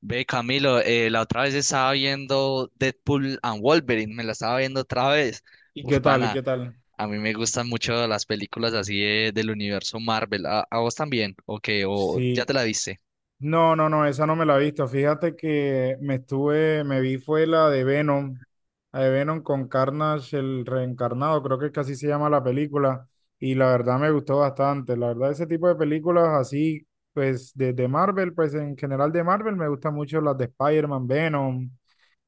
Ve, Camilo, la otra vez estaba viendo Deadpool and Wolverine, me la estaba viendo otra vez. ¿Y Uf, qué tal? ¿Y pana, qué tal? a mí me gustan mucho las películas así del universo Marvel. ¿A vos también? ¿O qué? ¿O ya Sí. te la viste? No, no, no, esa no me la he visto. Fíjate que me vi fue la de Venom con Carnage, el reencarnado, creo que es que así se llama la película. Y la verdad me gustó bastante. La verdad, ese tipo de películas así, pues de Marvel, pues en general de Marvel me gustan mucho las de Spider-Man, Venom.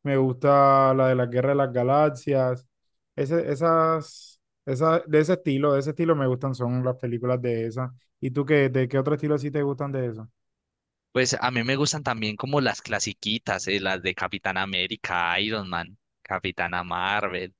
Me gusta la de la Guerra de las Galaxias. Esa, de ese estilo me gustan, son las películas de esas. ¿Y tú qué, de qué otro estilo sí te gustan de eso? Pues a mí me gustan también como las clasiquitas, las de Capitán América, Iron Man, Capitana Marvel.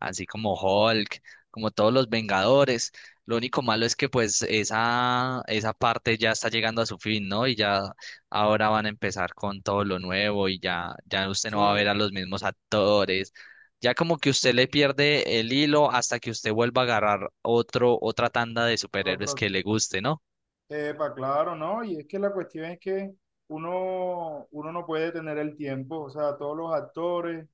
Así como Hulk, como todos los Vengadores. Lo único malo es que pues esa parte ya está llegando a su fin, ¿no? Y ya ahora van a empezar con todo lo nuevo y ya usted no va a ver Sí, a los mismos actores. Ya como que usted le pierde el hilo hasta que usted vuelva a agarrar otra tanda de superhéroes otra. que le guste, ¿no? Epa, claro, ¿no? Y es que la cuestión es que uno no puede tener el tiempo, o sea, todos los actores,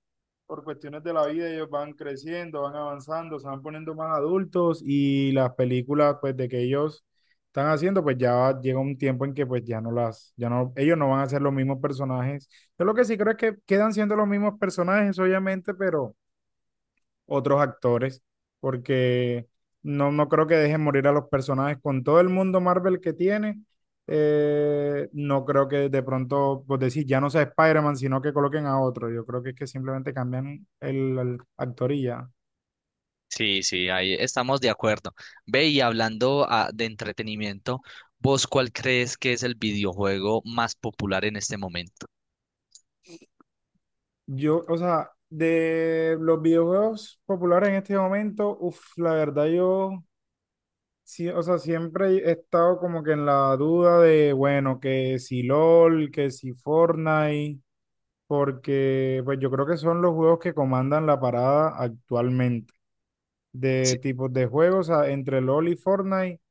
por cuestiones de la vida, ellos van creciendo, van avanzando, se van poniendo más adultos y las películas, pues, de que ellos están haciendo, pues llega un tiempo en que, pues, ya no las, ya no, ellos no van a ser los mismos personajes. Yo lo que sí creo es que quedan siendo los mismos personajes, obviamente, pero otros actores, porque no creo que dejen morir a los personajes con todo el mundo Marvel que tiene. No creo que de pronto, pues decir, ya no sea Spider-Man, sino que coloquen a otro. Yo creo que es que simplemente cambian el actor y ya. Sí, sí, ahí estamos de acuerdo. Ve y hablando de entretenimiento, ¿vos cuál crees que es el videojuego más popular en este momento? Yo, o sea, de los videojuegos populares en este momento, uff, la verdad yo, sí, o sea, siempre he estado como que en la duda de, bueno, que si LOL, que si Fortnite, porque pues yo creo que son los juegos que comandan la parada actualmente, de Sí. tipos de juegos entre LoL y Fortnite,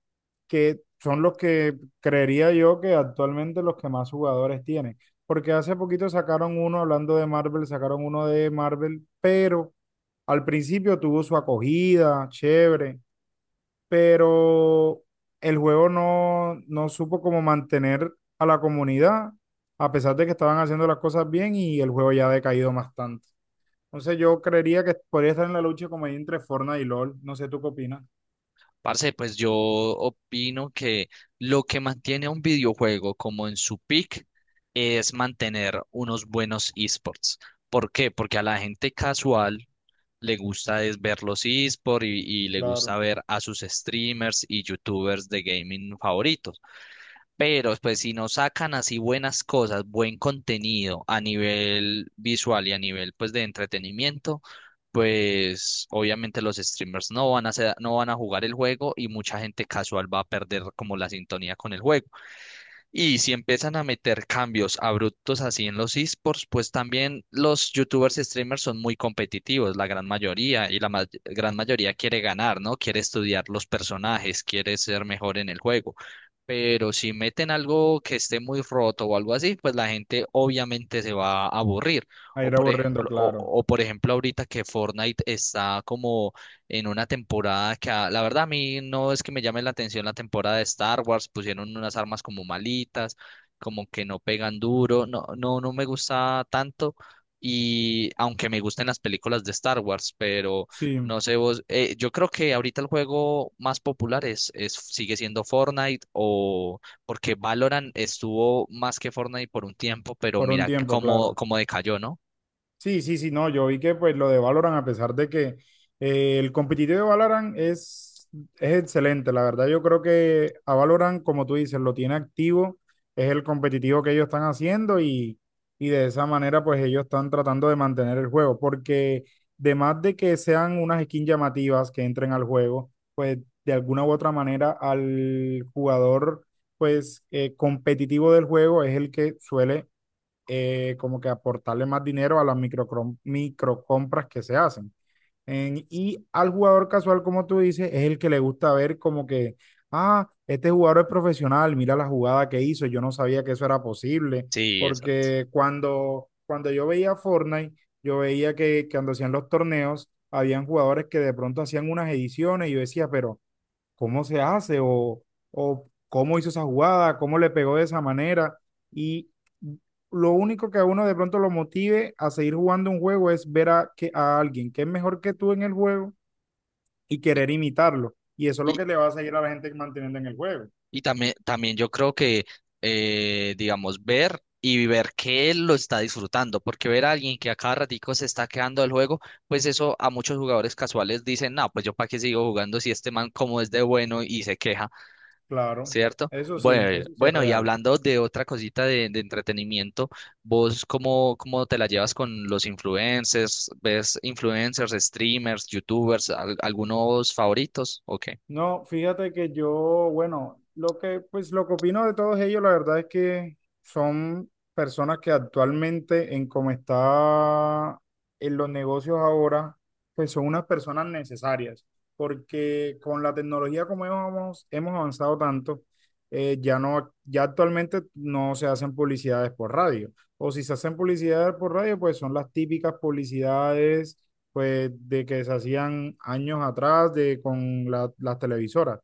que son los que creería yo que actualmente los que más jugadores tienen, porque hace poquito sacaron uno hablando de Marvel, sacaron uno de Marvel, pero al principio tuvo su acogida, chévere, pero el juego no supo cómo mantener a la comunidad, a pesar de que estaban haciendo las cosas bien y el juego ya ha decaído bastante. Entonces yo creería que podría estar en la lucha como ahí entre Fortnite y LOL. No sé, ¿tú qué opinas? Parce, pues yo opino que lo que mantiene a un videojuego como en su peak es mantener unos buenos esports. ¿Por qué? Porque a la gente casual le gusta es ver los esports y le gusta Claro. ver a sus streamers y youtubers de gaming favoritos. Pero pues si no sacan así buenas cosas, buen contenido a nivel visual y a nivel pues de entretenimiento, pues obviamente los streamers no van a jugar el juego y mucha gente casual va a perder como la sintonía con el juego. Y si empiezan a meter cambios abruptos así en los esports, pues también los youtubers y streamers son muy competitivos, la gran mayoría, y la gran mayoría quiere ganar, ¿no? Quiere estudiar los personajes, quiere ser mejor en el juego. Pero si meten algo que esté muy roto o algo así, pues la gente obviamente se va a aburrir. A O ir por aburriendo, ejemplo, o, claro. o por ejemplo ahorita que Fortnite está como en una temporada la verdad a mí no es que me llame la atención la temporada de Star Wars, pusieron unas armas como malitas, como que no pegan duro, no me gusta tanto. Y aunque me gusten las películas de Star Wars, pero Sí, no sé vos, yo creo que ahorita el juego más popular es sigue siendo Fortnite o porque Valorant estuvo más que Fortnite por un tiempo, pero por un mira tiempo, claro. cómo decayó, ¿no? Sí, sí, sí, no, yo vi que pues lo de Valorant, a pesar de que el competitivo de Valorant es excelente, la verdad yo creo que a Valorant, como tú dices, lo tiene activo, es el competitivo que ellos están haciendo y de esa manera pues ellos están tratando de mantener el juego, porque además de que sean unas skins llamativas que entren al juego, pues de alguna u otra manera al jugador pues competitivo del juego es el que suele como que aportarle más dinero a las microcompras que se hacen. Y al jugador casual, como tú dices, es el que le gusta ver como que, ah, este jugador es profesional, mira la jugada que hizo, yo no sabía que eso era posible, Sí, exacto. porque cuando yo veía Fortnite, yo veía que cuando hacían los torneos, habían jugadores que de pronto hacían unas ediciones y yo decía, pero cómo se hace o cómo hizo esa jugada, cómo le pegó de esa manera. Y lo único que a uno de pronto lo motive a seguir jugando un juego es ver a alguien que es mejor que tú en el juego y Y, querer imitarlo. Y eso es lo y, que le va a seguir a la gente manteniendo en el juego. Y también, también yo creo que, digamos, ver que él lo está disfrutando, porque ver a alguien que a cada ratico se está quedando del juego, pues eso a muchos jugadores casuales dicen, no, pues yo para qué sigo jugando si este man como es de bueno y se queja, Claro, ¿cierto? Bueno, eso sí es bueno, y real. hablando de otra cosita de entretenimiento, ¿vos cómo te la llevas con los influencers? ¿Ves influencers, streamers, youtubers, algunos favoritos? Ok. No, fíjate que yo, bueno, lo que, pues lo que opino de todos ellos, la verdad es que son personas que actualmente en cómo está en los negocios ahora, pues son unas personas necesarias, porque con la tecnología como hemos avanzado tanto, ya no, ya actualmente no se hacen publicidades por radio, o si se hacen publicidades por radio, pues son las típicas publicidades pues de que se hacían años atrás de, con las televisoras,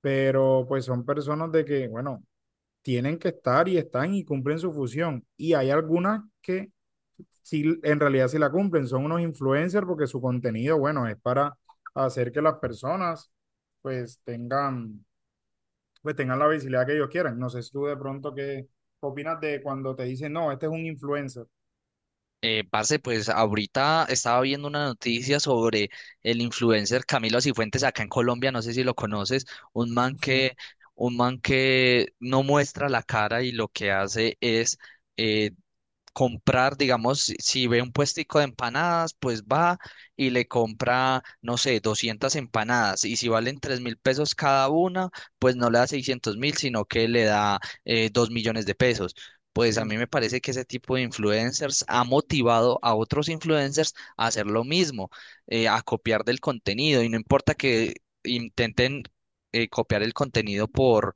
pero pues son personas de que, bueno, tienen que estar y están y cumplen su función. Y hay algunas que sí, en realidad sí la cumplen, son unos influencers porque su contenido, bueno, es para hacer que las personas pues tengan la visibilidad que ellos quieran. No sé si tú de pronto qué opinas de cuando te dicen, no, este es un influencer. Parce, pues ahorita estaba viendo una noticia sobre el influencer Camilo Cifuentes acá en Colombia, no sé si lo conoces, un man Sí, que, un man que no muestra la cara y lo que hace es eh, comprar, digamos, si ve un puestico de empanadas, pues va y le compra, no sé, 200 empanadas. Y si valen 3.000 pesos cada una, pues no le da 600.000, sino que le da 2 millones de pesos. Pues a sí, mí me parece que ese tipo de influencers ha motivado a otros influencers a hacer lo mismo, a copiar del contenido. Y no importa que intenten copiar el contenido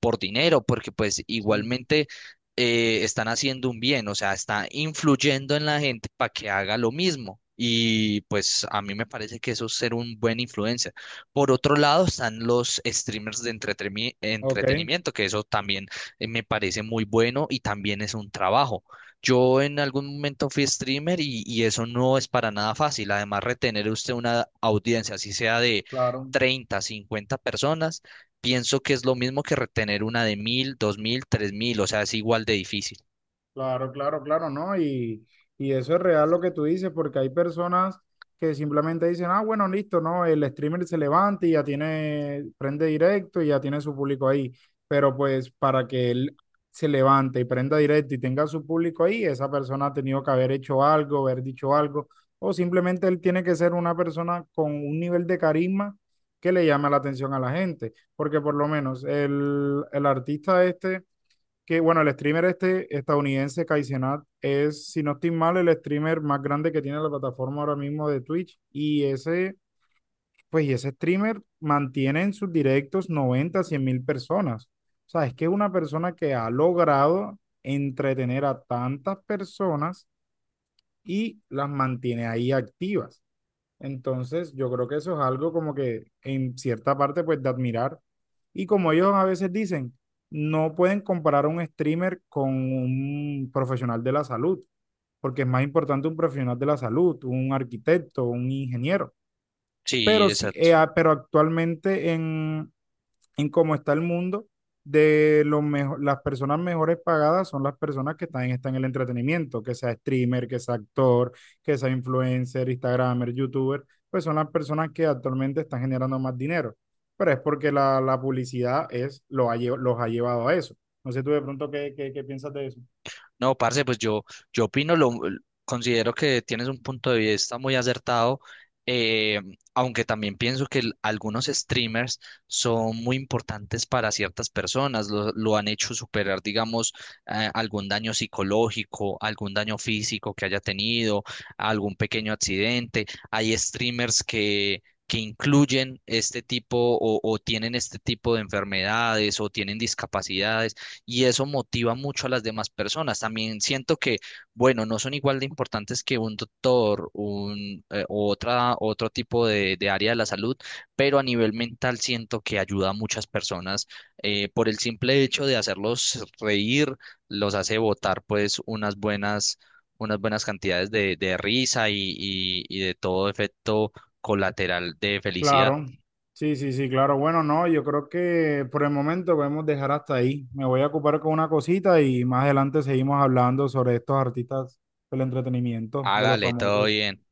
por dinero, porque pues sí. igualmente están haciendo un bien, o sea, está influyendo en la gente para que haga lo mismo. Y pues a mí me parece que eso es ser un buen influencer. Por otro lado, están los streamers de Ok, entretenimiento, que eso también me parece muy bueno y también es un trabajo. Yo en algún momento fui streamer y eso no es para nada fácil. Además, retener usted una audiencia, así sea de claro. 30 50 personas, pienso que es lo mismo que retener una de 1.000, 2.000, 3.000, o sea, es igual de difícil. Claro, claro, claro, ¿no? Y eso es real lo que tú dices, porque hay personas que simplemente dicen, ah, bueno, listo, ¿no? El streamer se levanta y ya tiene, prende directo y ya tiene su público ahí. Pero pues para que él se levante y prenda directo y tenga su público ahí, esa persona ha tenido que haber hecho algo, haber dicho algo, o simplemente él tiene que ser una persona con un nivel de carisma que le llame la atención a la gente, porque por lo menos el artista este que, bueno, el streamer este estadounidense, Kaizenat, es, si no estoy mal, el streamer más grande que tiene la plataforma ahora mismo de Twitch. Y ese streamer mantiene en sus directos 90.000-100.000 personas. O sea, es que es una persona que ha logrado entretener a tantas personas y las mantiene ahí activas. Entonces, yo creo que eso es algo como que en cierta parte, pues, de admirar. Y como ellos a veces dicen, no pueden comparar un streamer con un profesional de la salud, porque es más importante un profesional de la salud, un arquitecto, un ingeniero. Sí, Pero sí, exacto. Pero actualmente en cómo está el mundo, de los las personas mejores pagadas son las personas que están en el entretenimiento, que sea streamer, que sea actor, que sea influencer, instagramer, youtuber, pues son las personas que actualmente están generando más dinero. Pero es porque la publicidad es, lo ha lle- los ha llevado a eso. No sé tú de pronto qué piensas de eso. No, parce, yo opino, considero que tienes un punto de vista muy acertado, eh, aunque también pienso que algunos streamers son muy importantes para ciertas personas, lo han hecho superar, digamos, algún daño psicológico, algún daño físico que haya tenido, algún pequeño accidente. Hay streamers que incluyen este tipo o tienen este tipo de enfermedades o tienen discapacidades y eso motiva mucho a las demás personas. También siento que, bueno, no son igual de importantes que un doctor, un, u otro tipo de área de la salud, pero a nivel mental siento que ayuda a muchas personas por el simple hecho de hacerlos reír, los hace botar pues unas buenas cantidades de risa y de todo efecto colateral de felicidad. Claro, sí, sí, sí, claro. Bueno, no, yo creo que por el momento podemos dejar hasta ahí. Me voy a ocupar con una cosita y más adelante seguimos hablando sobre estos artistas del entretenimiento, de los Hágale, todo famosos. Vale. bien.